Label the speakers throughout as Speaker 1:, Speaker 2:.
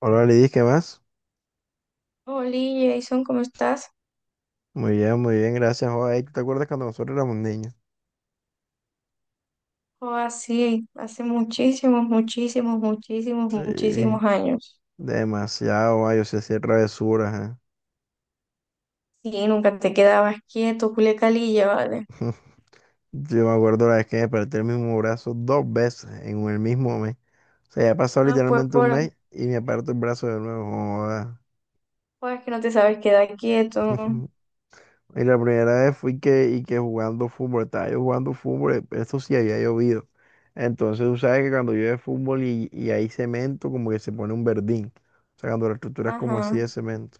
Speaker 1: Hola Lidis, ¿qué más?
Speaker 2: Hola Jason, ¿cómo estás?
Speaker 1: Muy bien, gracias. Joder, ¿tú te acuerdas cuando nosotros éramos niños?
Speaker 2: Oh, así, hace muchísimos, muchísimos, muchísimos,
Speaker 1: Sí,
Speaker 2: muchísimos años.
Speaker 1: demasiado, ma, yo sé hacer travesuras.
Speaker 2: Sí, nunca te quedabas quieto, culecalilla, ¿vale?
Speaker 1: ¿Eh? Yo me acuerdo la vez que me desperté el mismo brazo dos veces en el mismo mes. O sea, ya ha pasado
Speaker 2: Ah, pues,
Speaker 1: literalmente un
Speaker 2: por,
Speaker 1: mes y me aparto el brazo de nuevo. Joda.
Speaker 2: pues que no te sabes quedar quieto.
Speaker 1: Y la primera vez fui que, y que jugando fútbol, estaba yo jugando fútbol, esto sí había llovido. Entonces tú sabes que cuando llueve fútbol y hay cemento, como que se pone un verdín. O sea, cuando la estructura es como así
Speaker 2: Ajá.
Speaker 1: de cemento.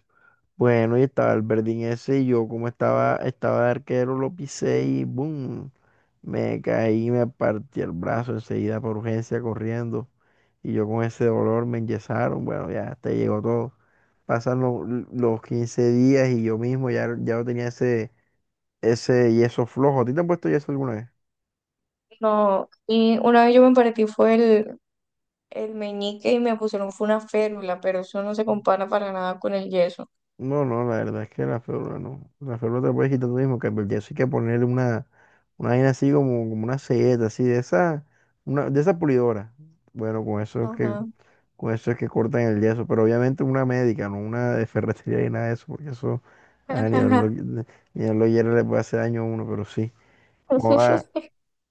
Speaker 1: Bueno, y estaba el verdín ese y yo como estaba de arquero, lo pisé y ¡boom! Me caí, y me partí el brazo enseguida por urgencia corriendo. Y yo con ese dolor me enyesaron. Bueno, ya hasta ahí llegó todo. Pasan los 15 días y yo mismo ya, ya no tenía ese yeso flojo. ¿A ti te han puesto yeso alguna vez?
Speaker 2: No, y una vez yo me partí fue el meñique y me pusieron fue una férula, pero eso no se compara para nada con el yeso.
Speaker 1: No, no, la verdad es que la férula no. La férula te la puedes quitar tú mismo, que el yeso hay que ponerle una vaina así como una selleta, así de esa, una, de esa pulidora. Bueno, con eso es que,
Speaker 2: Ajá.
Speaker 1: con eso es que cortan el yeso, pero obviamente una médica, no una de ferretería y nada de eso, porque eso ah, ni a los hierros le puede hacer daño a uno, pero sí. Joda,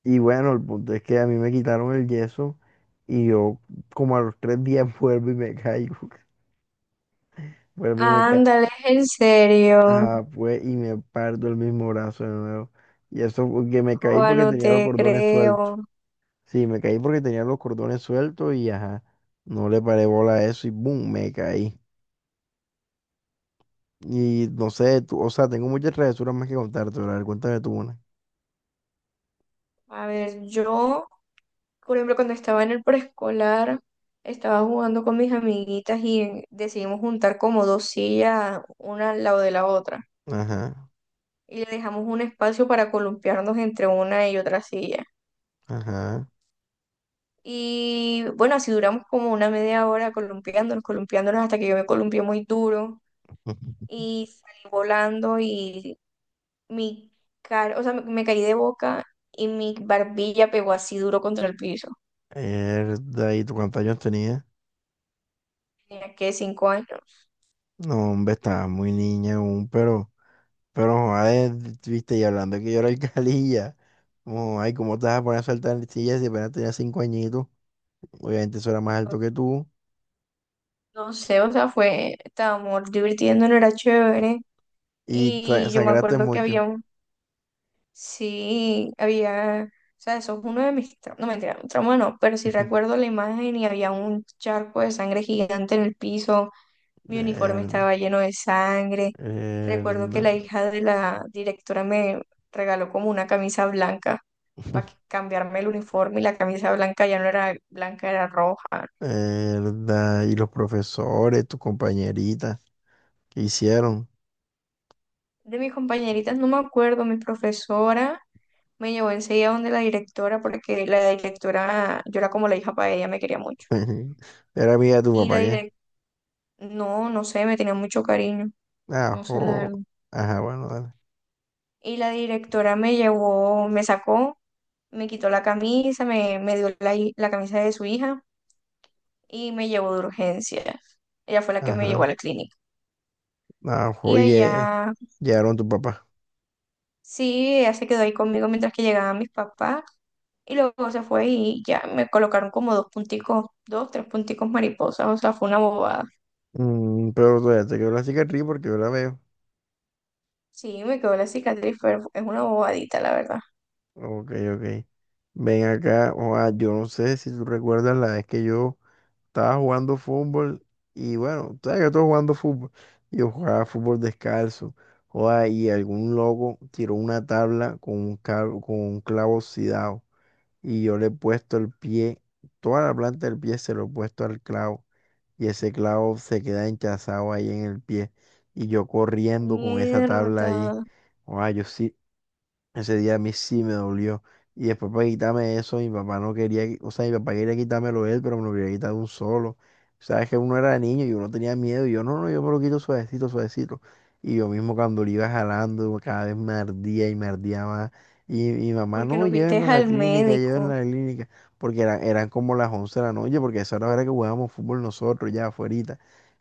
Speaker 1: y bueno, el punto es que a mí me quitaron el yeso y yo como a los 3 días vuelvo y me caigo. Vuelvo y me caí.
Speaker 2: Ándale, en serio.
Speaker 1: Ajá, pues, y me parto el mismo brazo de nuevo. Y eso porque me caí
Speaker 2: Juan,
Speaker 1: porque
Speaker 2: no
Speaker 1: tenía los
Speaker 2: te
Speaker 1: cordones sueltos.
Speaker 2: creo.
Speaker 1: Sí, me caí porque tenía los cordones sueltos y ajá, no le paré bola a eso y boom, me caí. Y no sé, tú, o sea, tengo muchas travesuras más que contarte, pero cuéntame tú una.
Speaker 2: A ver, yo. Por ejemplo, cuando estaba en el preescolar, estaba jugando con mis amiguitas y decidimos juntar como dos sillas, una al lado de la otra.
Speaker 1: Ajá,
Speaker 2: Y le dejamos un espacio para columpiarnos entre una y otra silla.
Speaker 1: ajá.
Speaker 2: Y bueno, así duramos como una media hora columpiándonos, columpiándonos hasta que yo me columpié muy duro y salí volando y mi cara, o sea, me caí de boca y mi barbilla pegó así duro contra el piso.
Speaker 1: Mierda, ¿y tú cuántos años tenías?
Speaker 2: Tenía que 5 años.
Speaker 1: No, hombre, estaba muy niña aún, pero, joder, viste, y hablando de que yo era el calilla. Oh, ay, ¿cómo te vas a poner a saltar en sillas si apenas tenías 5 añitos? Obviamente eso era más alto que tú.
Speaker 2: No sé, o sea, fue, estábamos divirtiéndonos, era chévere.
Speaker 1: Y
Speaker 2: Y yo me
Speaker 1: sangraste
Speaker 2: acuerdo que había
Speaker 1: mucho.
Speaker 2: un, sí, había, o sea, eso es uno de mis, no mentira, un trauma no, pero sí recuerdo la imagen y había un charco de sangre gigante en el piso, mi uniforme
Speaker 1: Verdad,
Speaker 2: estaba lleno de sangre. Recuerdo que
Speaker 1: verdad,
Speaker 2: la hija de la directora me regaló como una camisa blanca para cambiarme el uniforme y la camisa blanca ya no era blanca, era roja.
Speaker 1: verdad. Y los profesores, tus compañeritas, ¿qué hicieron?
Speaker 2: De mis compañeritas no me acuerdo, mi profesora. Me llevó enseguida donde la directora, porque la directora, yo era como la hija para ella, me quería mucho.
Speaker 1: Era amiga de tu
Speaker 2: Y la
Speaker 1: papá, ¿qué?
Speaker 2: directora, no, no sé, me tenía mucho cariño, no sé la
Speaker 1: Ajo.
Speaker 2: verdad.
Speaker 1: Ajá, bueno, dale.
Speaker 2: Y la directora me llevó, me sacó, me quitó la camisa, me dio la camisa de su hija y me llevó de urgencia. Ella fue la que me llevó
Speaker 1: Ajá.
Speaker 2: a la clínica. Y
Speaker 1: Ajo, y
Speaker 2: allá,
Speaker 1: llegaron tu papá.
Speaker 2: sí, ella se quedó ahí conmigo mientras que llegaban mis papás. Y luego se fue y ya me colocaron como dos punticos, dos, tres punticos mariposas, o sea, fue una bobada.
Speaker 1: Mm, pero todavía te quedó la cicatriz porque yo la veo.
Speaker 2: Sí, me quedó la cicatriz, pero es una bobadita, la verdad.
Speaker 1: Ok, ok. Ven acá, o ah, yo no sé si tú recuerdas la vez que yo estaba jugando fútbol y bueno, tú sabes que estoy jugando fútbol. Yo jugaba fútbol descalzo. O ah, y algún loco tiró una tabla con un clavo oxidado y yo le he puesto el pie, toda la planta del pie se lo he puesto al clavo y ese clavo se queda hinchazado ahí en el pie y yo corriendo con esa tabla ahí.
Speaker 2: Mierda,
Speaker 1: O ah, yo sí, ese día a mí sí me dolió. Y después para quitarme eso, mi papá no quería, o sea, mi papá quería quitármelo él, pero me lo quería quitar de un solo. Sabes que uno era niño y uno tenía miedo y yo, no, no, yo me lo quito suavecito, suavecito. Y yo mismo cuando lo iba jalando, cada vez me ardía y me ardía más. Y mi mamá,
Speaker 2: porque
Speaker 1: no,
Speaker 2: no fuiste
Speaker 1: llévenlo a la
Speaker 2: al
Speaker 1: clínica, llévenlo
Speaker 2: médico.
Speaker 1: a la clínica. Porque eran como las 11 de la noche, porque esa era la hora que jugábamos fútbol nosotros ya afuera.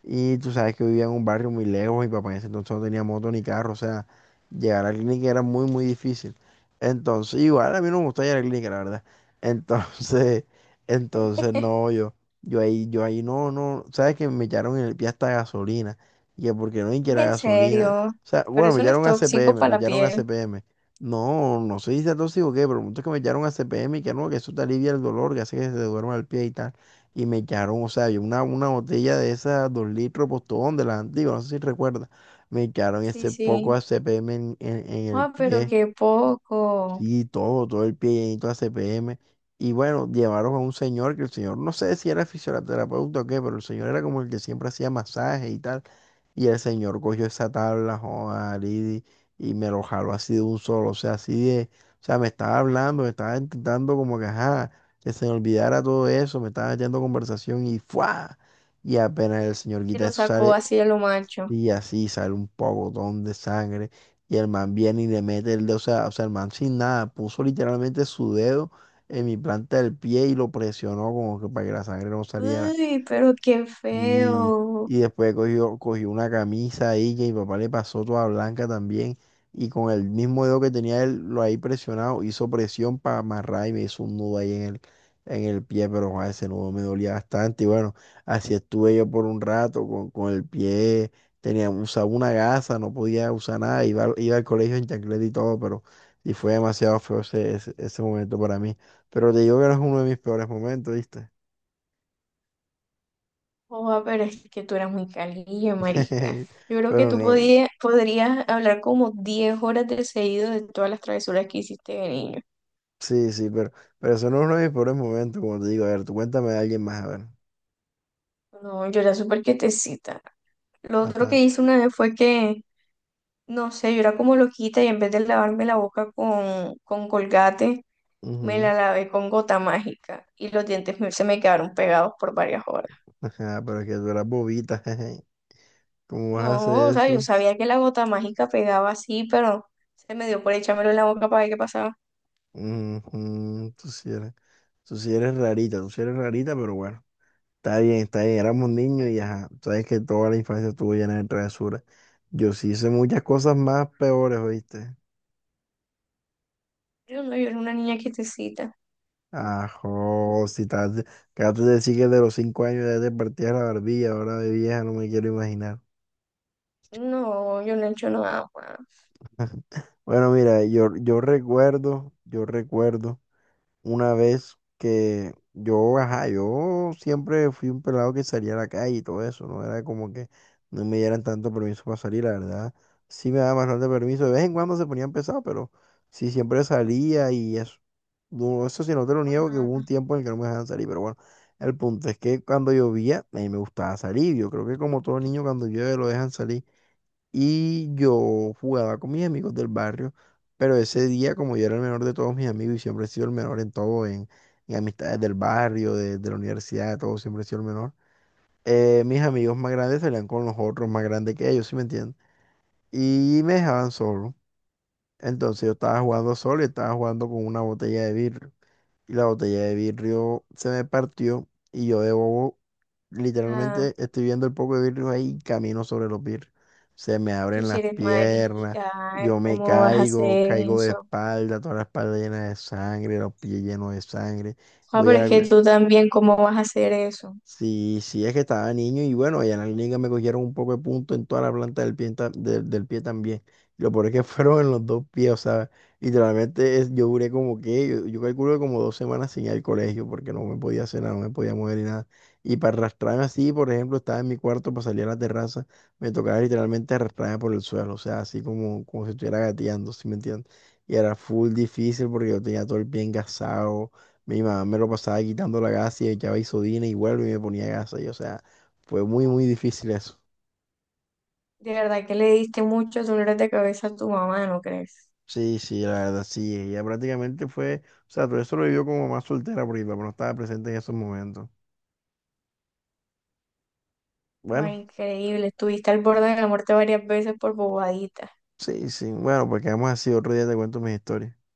Speaker 1: Y tú sabes que vivía en un barrio muy lejos, mi papá en ese entonces no tenía moto ni carro, o sea. Llegar a la clínica era muy, muy difícil. Entonces, igual a mí no me gusta llegar a la clínica, la verdad. Entonces, entonces no, yo ahí no, no, sabes que me echaron en el pie hasta gasolina. Y que porque no, y que
Speaker 2: Es
Speaker 1: la
Speaker 2: en
Speaker 1: gasolina.
Speaker 2: serio,
Speaker 1: O sea,
Speaker 2: pero
Speaker 1: bueno, me
Speaker 2: eso no es
Speaker 1: echaron a
Speaker 2: tóxico
Speaker 1: CPM, me
Speaker 2: para la
Speaker 1: echaron a
Speaker 2: piel.
Speaker 1: CPM. No, no sé si sea tóxico o qué, pero el punto es que me echaron a CPM y que no, que eso te alivia el dolor, que hace que se te duerma el pie y tal. Y me echaron, o sea, había una botella de esas 2 litros postón de las antiguas, no sé si recuerdas. Me quedaron
Speaker 2: Sí,
Speaker 1: ese poco
Speaker 2: sí.
Speaker 1: ACPM en el
Speaker 2: Ah, pero
Speaker 1: pie.
Speaker 2: qué poco.
Speaker 1: Sí, todo, todo el pie llenito de ACPM. Y bueno, llevaron a un señor que el señor, no sé si era fisioterapeuta o qué, pero el señor era como el que siempre hacía masajes y tal. Y el señor cogió esa tabla, joda, Lidi, y me lo jaló así de un solo. O sea, así de, o sea, me estaba hablando, me estaba intentando como que, ajá, que se me olvidara todo eso, me estaba echando conversación y ¡fua! Y apenas el señor
Speaker 2: Se
Speaker 1: quita
Speaker 2: lo
Speaker 1: eso,
Speaker 2: sacó
Speaker 1: sale
Speaker 2: así a lo macho.
Speaker 1: y así sale un pogotón de sangre. Y el man viene y le mete el dedo. O sea, el man sin nada. Puso literalmente su dedo en mi planta del pie y lo presionó como que para que la sangre no saliera.
Speaker 2: Uy, pero qué
Speaker 1: Y,
Speaker 2: feo.
Speaker 1: y después cogió una camisa ahí que mi papá le pasó toda blanca también. Y con el mismo dedo que tenía él, lo ahí presionado, hizo presión para amarrar y me hizo un nudo ahí en el pie, pero joder, ese nudo me dolía bastante. Y bueno, así estuve yo por un rato con el pie, tenía, usaba una gasa, no podía usar nada, iba, iba al colegio en chancleta y todo, pero y fue demasiado feo ese, ese, ese momento para mí. Pero te digo que no es uno de mis peores momentos, ¿viste?
Speaker 2: Oh, pero es que tú eras muy calilla, marica. Yo creo que
Speaker 1: Pero no.
Speaker 2: podrías hablar como 10 horas de seguido de todas las travesuras que hiciste de niño.
Speaker 1: Sí, sí, pero, eso no es uno de mis peores momentos, como te digo. A ver, tú cuéntame de alguien más, a ver.
Speaker 2: No, yo era súper quietecita. Lo otro que
Speaker 1: Ajá.
Speaker 2: hice una vez fue que, no sé, yo era como loquita y en vez de lavarme la boca con Colgate, me la
Speaker 1: Ujú,
Speaker 2: lavé con gota mágica y los dientes se me quedaron pegados por varias horas.
Speaker 1: ajá, pero es que tú eras bobita, jeje. ¿Cómo vas a
Speaker 2: No,
Speaker 1: hacer
Speaker 2: o sea, yo
Speaker 1: eso?
Speaker 2: sabía que la gota mágica pegaba así, pero se me dio por echármelo en la boca para ver qué pasaba.
Speaker 1: Ujú, tú sí eres, tú sí eres rarita, tú sí eres rarita, pero bueno. Está bien, éramos niños y ajá. Tú sabes que toda la infancia estuvo llena de travesuras. Yo sí hice muchas cosas más peores, ¿oíste?
Speaker 2: Yo no, yo era una niña quietecita.
Speaker 1: Ajo, si estás, acabaste de decir que de los 5 años ya te partías la barbilla, ahora de vieja no me quiero imaginar.
Speaker 2: No, yo no he hecho nada más.
Speaker 1: Bueno, mira, yo recuerdo una vez que yo, ajá, yo siempre fui un pelado que salía a la calle y todo eso, ¿no? Era como que no me dieran tanto permiso para salir, la verdad. Sí me daban bastante permiso, de vez en cuando se ponían pesados, pero sí siempre salía y eso. No, eso sí, no te lo niego que hubo un tiempo en el que no me dejaban salir, pero bueno, el punto es que cuando llovía, a mí me gustaba salir. Yo creo que como todo niño cuando llueve lo dejan salir. Y yo jugaba con mis amigos del barrio, pero ese día, como yo era el menor de todos mis amigos y siempre he sido el menor en todo, en amistades del barrio, de la universidad, de todo, siempre he sido el menor, mis amigos más grandes salían con los otros más grandes que ellos, ¿si me entiendes? Y me dejaban solo. Entonces yo estaba jugando solo y estaba jugando con una botella de vidrio. Y la botella de vidrio se me partió y yo de bobo
Speaker 2: Ah,
Speaker 1: literalmente estoy viendo el poco de vidrio ahí y camino sobre los vidrios. Se me
Speaker 2: tú
Speaker 1: abren
Speaker 2: si
Speaker 1: las
Speaker 2: eres
Speaker 1: piernas,
Speaker 2: marica,
Speaker 1: yo me
Speaker 2: ¿cómo vas a
Speaker 1: caigo,
Speaker 2: hacer
Speaker 1: caigo de
Speaker 2: eso?
Speaker 1: espalda, toda la espalda llena de sangre, los pies llenos de sangre.
Speaker 2: Ah,
Speaker 1: Voy
Speaker 2: pero
Speaker 1: a,
Speaker 2: es que tú también, ¿cómo vas a hacer eso?
Speaker 1: sí, sí, es que estaba niño y bueno, allá en la liga me cogieron un poco de punto en toda la planta del pie, del pie también. Lo peor es que fueron en los dos pies, o sea, literalmente yo duré como que, yo calculo que como 2 semanas sin ir al colegio porque no me podía hacer nada, no me podía mover ni nada. Y para arrastrarme así, por ejemplo, estaba en mi cuarto para salir a la terraza, me tocaba literalmente arrastrarme por el suelo, o sea, así como, como si estuviera gateando, ¿sí me entiendes? Y era full difícil porque yo tenía todo el pie engasado, mi mamá me lo pasaba quitando la gasa y echaba isodina y vuelvo y me ponía gasa. Y, o sea, fue muy, muy difícil eso.
Speaker 2: De verdad que le diste muchos dolores de cabeza a tu mamá, ¿no crees?
Speaker 1: Sí, sí, la verdad, sí. Ella prácticamente fue, o sea, todo eso lo vivió como mamá soltera porque mi papá no estaba presente en esos momentos.
Speaker 2: Ay,
Speaker 1: Bueno,
Speaker 2: increíble, estuviste al borde de la muerte varias veces por bobadita.
Speaker 1: sí, sí. Bueno, pues quedamos así. Otro día te cuento mis historias.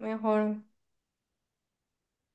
Speaker 2: Mejor.